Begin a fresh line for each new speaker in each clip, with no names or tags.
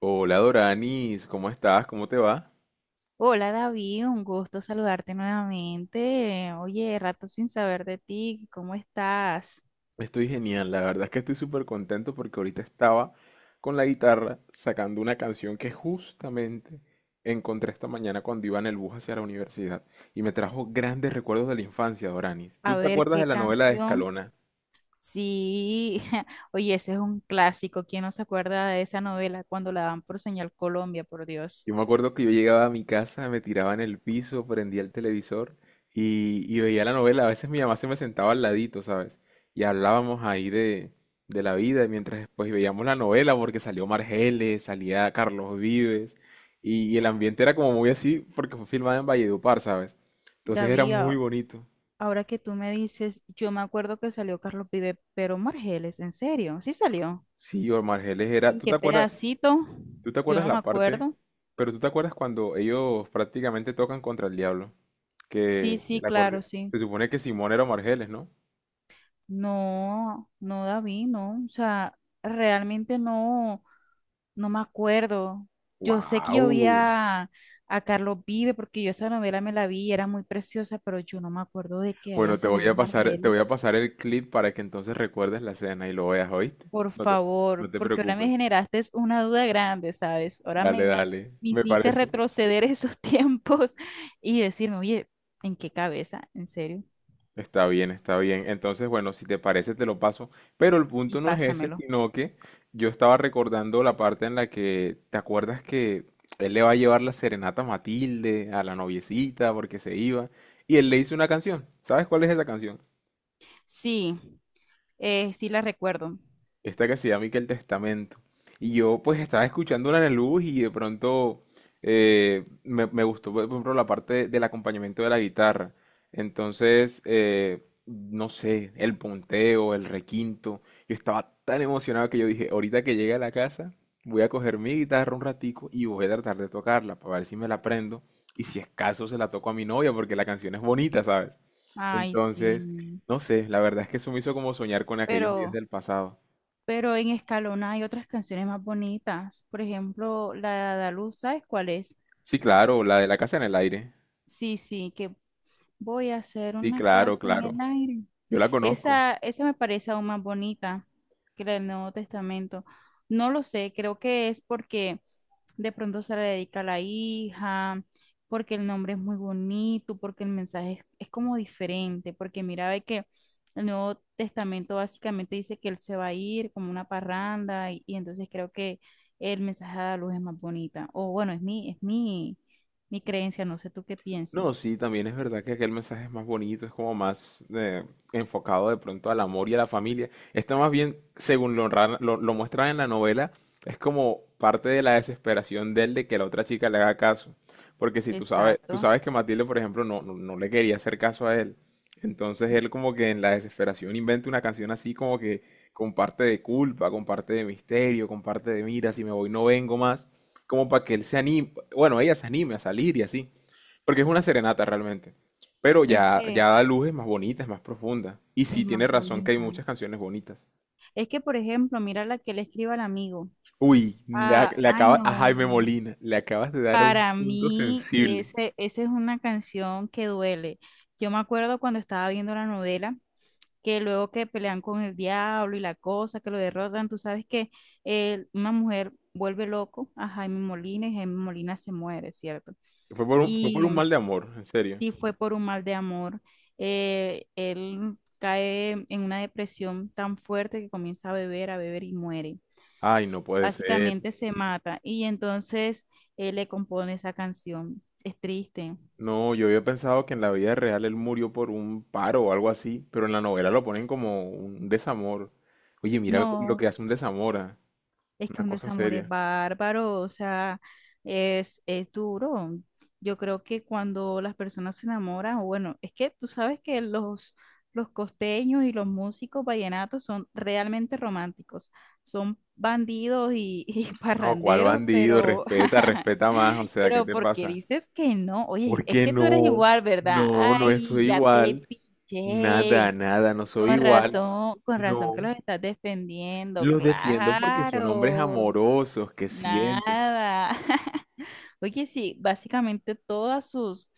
Hola Doranis, ¿cómo estás? ¿Cómo te va?
Hola David, un gusto saludarte nuevamente. Oye, rato sin saber de ti, ¿cómo estás?
Estoy genial, la verdad es que estoy súper contento porque ahorita estaba con la guitarra sacando una canción que justamente encontré esta mañana cuando iba en el bus hacia la universidad y me trajo grandes recuerdos de la infancia, Doranis. ¿Tú
A
te
ver
acuerdas de
qué
la novela de
canción.
Escalona?
Sí, oye, ese es un clásico. ¿Quién no se acuerda de esa novela cuando la dan por Señal Colombia, por Dios?
Yo me acuerdo que yo llegaba a mi casa, me tiraba en el piso, prendía el televisor y veía la novela. A veces mi mamá se me sentaba al ladito, ¿sabes? Y hablábamos ahí de la vida, mientras después veíamos la novela, porque salió Margeles, salía Carlos Vives, y el ambiente era como muy así, porque fue filmada en Valledupar, ¿sabes? Entonces era
David,
muy bonito.
ahora que tú me dices, yo me acuerdo que salió Carlos Vive, pero Margeles, ¿en serio? ¿Sí salió?
Sí, o Margeles era...
¿En
¿Tú te
qué
acuerdas?
pedacito?
¿Tú te
Yo
acuerdas
no me
la parte?
acuerdo.
Pero tú te acuerdas cuando ellos prácticamente tocan contra el diablo.
Sí,
Que
sí,
el
claro,
acordeón.
sí.
Se supone que Simón era Margeles, ¿no?
No, no, David, no. O sea, realmente no, no me acuerdo. Yo sé que yo vi
¡Wow!
a Carlos Vive porque yo esa novela me la vi y era muy preciosa, pero yo no me acuerdo de que haya
Bueno, te voy
salido
a pasar, te voy
Margeles.
a pasar el clip para que entonces recuerdes la escena y lo veas, ¿oíste?
Por
No te, no
favor,
te
porque ahora me
preocupes.
generaste es una duda grande, ¿sabes? Ahora
Dale, dale.
me
Me
hiciste
parece.
retroceder esos tiempos y decirme, oye, ¿en qué cabeza? ¿En serio?
Está bien, está bien. Entonces, bueno, si te parece, te lo paso. Pero el
Y
punto no es ese,
pásamelo.
sino que yo estaba recordando la parte en la que, ¿te acuerdas que él le va a llevar la serenata a Matilde, a la noviecita, porque se iba? Y él le hizo una canción. ¿Sabes cuál es esa canción?
Sí, sí la recuerdo.
Esta que se llama y que el Testamento. Y yo pues estaba escuchándola en el bus y de pronto me gustó, por ejemplo, la parte del acompañamiento de la guitarra. Entonces, no sé, el punteo, el requinto. Yo estaba tan emocionado que yo dije, ahorita que llegue a la casa, voy a coger mi guitarra un ratico y voy a tratar de tocarla para ver si me la aprendo. Y si es caso, se la toco a mi novia porque la canción es bonita, ¿sabes?
Ay,
Entonces,
sí.
no sé, la verdad es que eso me hizo como soñar con aquellos días
Pero,
del pasado.
pero en Escalona hay otras canciones más bonitas. Por ejemplo, la de Adaluz, ¿sabes cuál es?
Sí, claro, la de la casa en el aire.
Sí, sí, que voy a hacer
Sí,
una
claro,
casa en el
claro.
aire.
Yo la conozco.
Esa me parece aún más bonita que la del Nuevo Testamento. No lo sé, creo que es porque de pronto se le dedica a la hija, porque el nombre es muy bonito, porque el mensaje es como diferente, porque mira, ve que el Nuevo Testamento básicamente dice que él se va a ir como una parranda y entonces creo que el mensaje de la luz es más bonita. O bueno, es mi, mi creencia, no sé tú qué
No,
piensas.
sí, también es verdad que aquel mensaje es más bonito, es como más enfocado de pronto al amor y a la familia. Está más bien, según lo muestran en la novela, es como parte de la desesperación de él de que la otra chica le haga caso. Porque si tú sabes, tú
Exacto.
sabes que Matilde, por ejemplo, no le quería hacer caso a él. Entonces él como que en la desesperación inventa una canción así como que con parte de culpa, con parte de misterio, con parte de mira, si me voy no vengo más, como para que él se anime, bueno, ella se anime a salir y así. Porque es una serenata realmente. Pero
Es que
ya da luces más bonitas, más profundas. Y
es
sí tiene
más
razón que hay
bonita.
muchas canciones bonitas.
Es que, por ejemplo, mira la que le escribe al amigo.
Uy,
Ah,
le
ay,
acabas a
no.
Jaime Molina, le acabas de dar a un
Para
punto
mí,
sensible.
ese, esa es una canción que duele. Yo me acuerdo cuando estaba viendo la novela, que luego que pelean con el diablo y la cosa, que lo derrotan, tú sabes que una mujer vuelve loco a Jaime Molina y Jaime Molina se muere, ¿cierto?
Fue por
Y
un mal de amor, en serio.
sí fue por un mal de amor. Él cae en una depresión tan fuerte que comienza a beber y muere,
Ay, no puede ser.
básicamente se mata, y entonces él le compone esa canción. Es triste.
No, yo había pensado que en la vida real él murió por un paro o algo así, pero en la novela lo ponen como un desamor. Oye, mira lo que
No,
hace un desamor, ah,
es que
una
un
cosa
desamor es
seria.
bárbaro, o sea, es duro. Yo creo que cuando las personas se enamoran, o bueno, es que tú sabes que los costeños y los músicos vallenatos son realmente románticos. Son bandidos y
No, cuál
parranderos,
bandido,
pero
respeta, respeta más, o sea, ¿qué
¿Pero
te
porque
pasa?
dices que no? Oye, es
Porque
que tú eres
no,
igual, ¿verdad?
no, no
Ay,
soy
ya te
igual. Nada,
pillé.
nada, no soy igual.
Con razón que
No.
los estás defendiendo.
Los defiendo porque son hombres
Claro,
amorosos que sienten.
nada. Oye, sí, básicamente todas sus,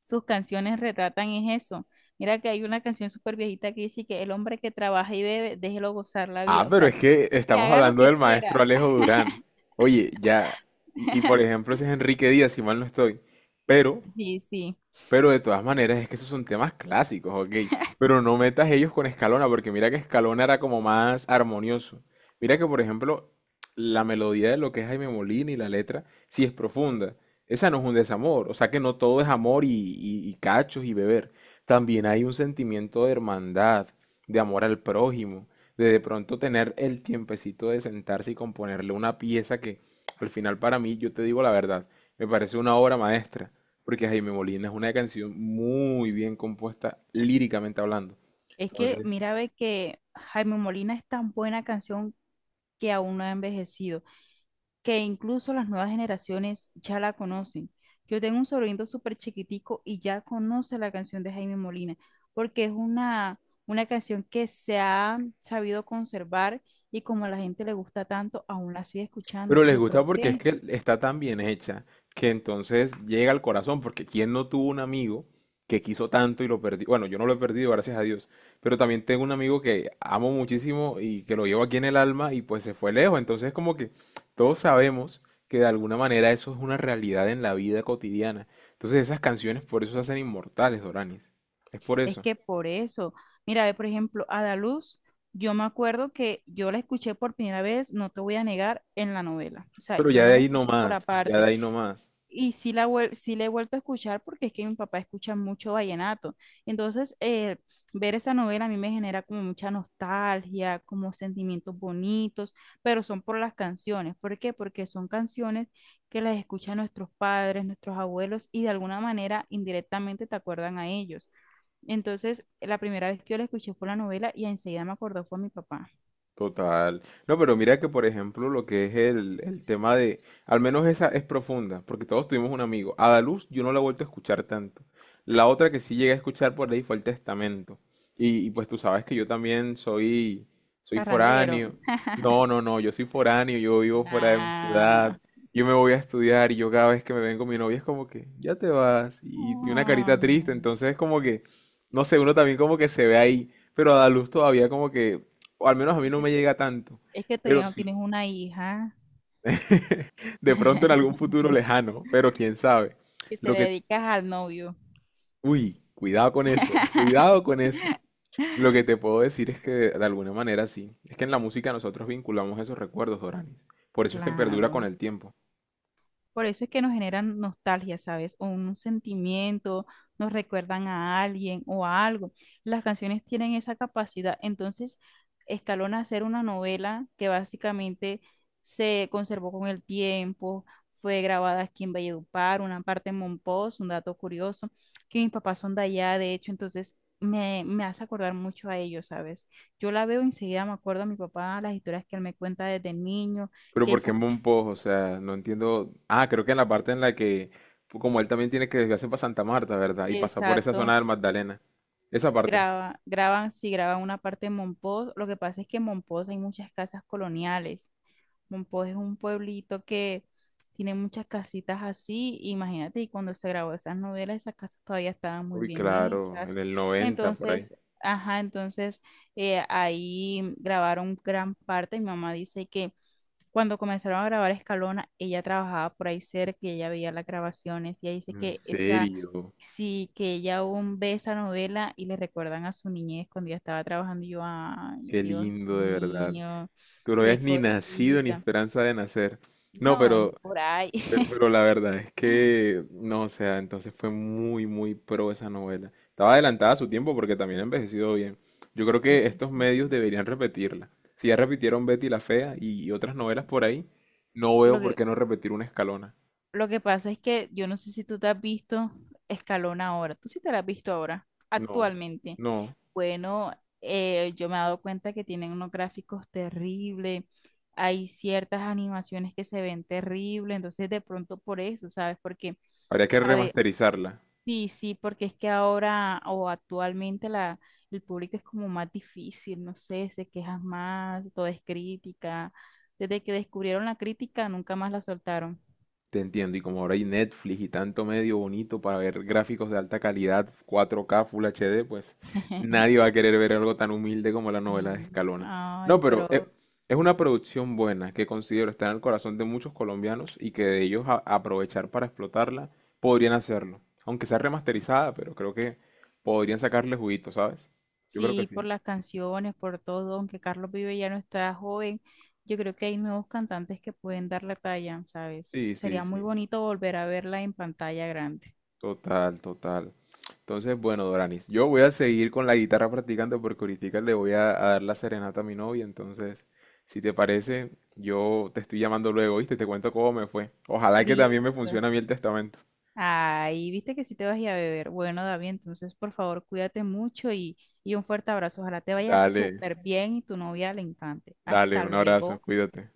sus canciones retratan es eso. Mira que hay una canción súper viejita que dice que el hombre que trabaja y bebe, déjelo gozar la
Ah,
vida. O
pero
sea,
es que
que
estamos
haga lo
hablando
que
del
quiera.
maestro Alejo Durán. Oye, ya. Y por ejemplo, ese es Enrique Díaz, si mal no estoy. Pero
Sí, sí.
Pero de todas maneras, es que esos son temas clásicos, ok. Pero no metas ellos con Escalona, porque mira que Escalona era como más armonioso. Mira que, por ejemplo, la melodía de lo que es Jaime Molina y la letra, sí es profunda. Esa no es un desamor. O sea que no todo es amor y, y cachos y beber. También hay un sentimiento de hermandad, de amor al prójimo, de pronto tener el tiempecito de sentarse y componerle una pieza que al final para mí, yo te digo la verdad, me parece una obra maestra porque Jaime Molina es una canción muy bien compuesta líricamente hablando.
Es que
Entonces,
mira, ve que Jaime Molina es tan buena canción que aún no ha envejecido, que incluso las nuevas generaciones ya la conocen. Yo tengo un sobrino súper chiquitico y ya conoce la canción de Jaime Molina, porque es una canción que se ha sabido conservar y como a la gente le gusta tanto, aún la sigue escuchando.
pero les
Yo
gusta
creo
porque es
que
que está tan bien hecha que entonces llega al corazón, porque ¿quién no tuvo un amigo que quiso tanto y lo perdió? Bueno, yo no lo he perdido, gracias a Dios, pero también tengo un amigo que amo muchísimo y que lo llevo aquí en el alma y pues se fue lejos, entonces como que todos sabemos que de alguna manera eso es una realidad en la vida cotidiana. Entonces esas canciones por eso se hacen inmortales, Doranis. Es por
es
eso.
que por eso, mira, ve por ejemplo, Adaluz, yo me acuerdo que yo la escuché por primera vez, no te voy a negar, en la novela. O sea,
Pero
yo
ya
no
de
la
ahí no
escuché por
más, ya de
aparte.
ahí no más.
Y sí, sí la he vuelto a escuchar porque es que mi papá escucha mucho vallenato. Entonces, ver esa novela a mí me genera como mucha nostalgia, como sentimientos bonitos, pero son por las canciones. ¿Por qué? Porque son canciones que las escuchan nuestros padres, nuestros abuelos y de alguna manera indirectamente te acuerdan a ellos. Entonces, la primera vez que yo la escuché fue la novela y enseguida me acordó fue a mi papá.
Total. No, pero mira que, por ejemplo, lo que es el tema de, al menos esa es profunda, porque todos tuvimos un amigo. Adaluz yo no la he vuelto a escuchar tanto. La otra que sí llegué a escuchar por ahí fue el Testamento. Y pues tú sabes que yo también soy
Parrandero.
foráneo. No, no, no, yo soy foráneo, yo vivo fuera de mi ciudad,
Ah.
yo me voy a estudiar y yo cada vez que me vengo mi novia es como que, ya te vas, y tiene una
Ah.
carita triste, entonces es como que, no sé, uno también como que se ve ahí, pero Adaluz todavía como que o al menos a mí
¿Por
no
qué
me llega tanto.
es que todavía
Pero
no
sí,
tienes una hija
de pronto en algún futuro lejano, pero quién sabe.
que se
Lo
le
que,
dedicas al novio?
uy, cuidado con eso, cuidado con eso. Lo que te puedo decir es que de alguna manera sí. Es que en la música nosotros vinculamos esos recuerdos, Doranis. Por eso es que perdura con
Claro.
el tiempo.
Por eso es que nos generan nostalgia, ¿sabes? O un sentimiento, nos recuerdan a alguien o a algo. Las canciones tienen esa capacidad. Entonces, Escalona hacer una novela que básicamente se conservó con el tiempo, fue grabada aquí en Valledupar, una parte en Monpós, un dato curioso, que mis papás son de allá, de hecho, entonces me hace acordar mucho a ellos, ¿sabes? Yo la veo enseguida, me acuerdo a mi papá, las historias que él me cuenta desde niño,
Pero
que
¿por qué
esa,
Monpós? O sea, no entiendo. Ah, creo que en la parte en la que, como él también tiene que desviarse para Santa Marta, ¿verdad? Y pasar por esa zona
exacto.
del Magdalena. Esa parte.
Graba, graban, sí, graban una parte de Monpós. Lo que pasa es que en Monpós hay muchas casas coloniales. Monpós es un pueblito que tiene muchas casitas así. Imagínate, y cuando se grabó esas novelas, esas casas todavía estaban muy
Uy,
bien
claro, en
hechas.
el 90 por ahí.
Entonces, ajá, entonces ahí grabaron gran parte. Mi mamá dice que cuando comenzaron a grabar Escalona, ella trabajaba por ahí cerca y ella veía las grabaciones. Y ella dice
En
que ese...
serio.
Sí, que ella aún ve esa novela y le recuerdan a su niñez cuando ella estaba trabajando. Y yo, ay,
Qué
Dios
lindo, de verdad.
mío,
Tú no
qué
habías ni nacido ni
cosita.
esperanza de nacer. No,
No, ni por ahí.
pero la verdad es que, no, o sea, entonces fue muy, muy pro esa novela. Estaba adelantada a su tiempo porque también ha envejecido bien. Yo creo
Es
que
que
estos medios
sí.
deberían repetirla. Si ya repitieron Betty la Fea y otras novelas por ahí, no
Lo
veo por
que,
qué no repetir una Escalona.
lo que pasa es que yo no sé si tú te has visto Escalón ahora. Tú sí te la has visto ahora,
No,
actualmente.
no.
Bueno, yo me he dado cuenta que tienen unos gráficos terribles. Hay ciertas animaciones que se ven terribles. Entonces, de pronto por eso, ¿sabes? Porque.
Habría que
a ve-
remasterizarla.
Sí, sí, porque es que ahora o actualmente el público es como más difícil, no sé, se quejan más, todo es crítica. Desde que descubrieron la crítica, nunca más la soltaron.
Te entiendo, y como ahora hay Netflix y tanto medio bonito para ver gráficos de alta calidad, 4K, Full HD, pues nadie va a querer ver algo tan humilde como la novela de
Y,
Escalona.
ay,
No, pero
pero
es una producción buena que considero estar en el corazón de muchos colombianos y que de ellos aprovechar para explotarla podrían hacerlo. Aunque sea remasterizada, pero creo que podrían sacarle juguito, ¿sabes? Yo creo que
sí,
sí.
por las canciones, por todo, aunque Carlos Vive ya no está joven, yo creo que hay nuevos cantantes que pueden dar la talla, ¿sabes?
Sí, sí,
Sería muy
sí.
bonito volver a verla en pantalla grande.
Total, total. Entonces, bueno, Doranis, yo voy a seguir con la guitarra practicando porque ahorita le a dar la serenata a mi novia. Entonces, si te parece, yo te estoy llamando luego, ¿viste? Te cuento cómo me fue. Ojalá que también me
Listo.
funcione a mí el testamento.
Ay, viste que sí te vas a ir a beber. Bueno, David, entonces por favor cuídate mucho y un fuerte abrazo. Ojalá te vaya
Dale,
súper bien y tu novia le encante.
dale,
Hasta
un abrazo,
luego.
cuídate.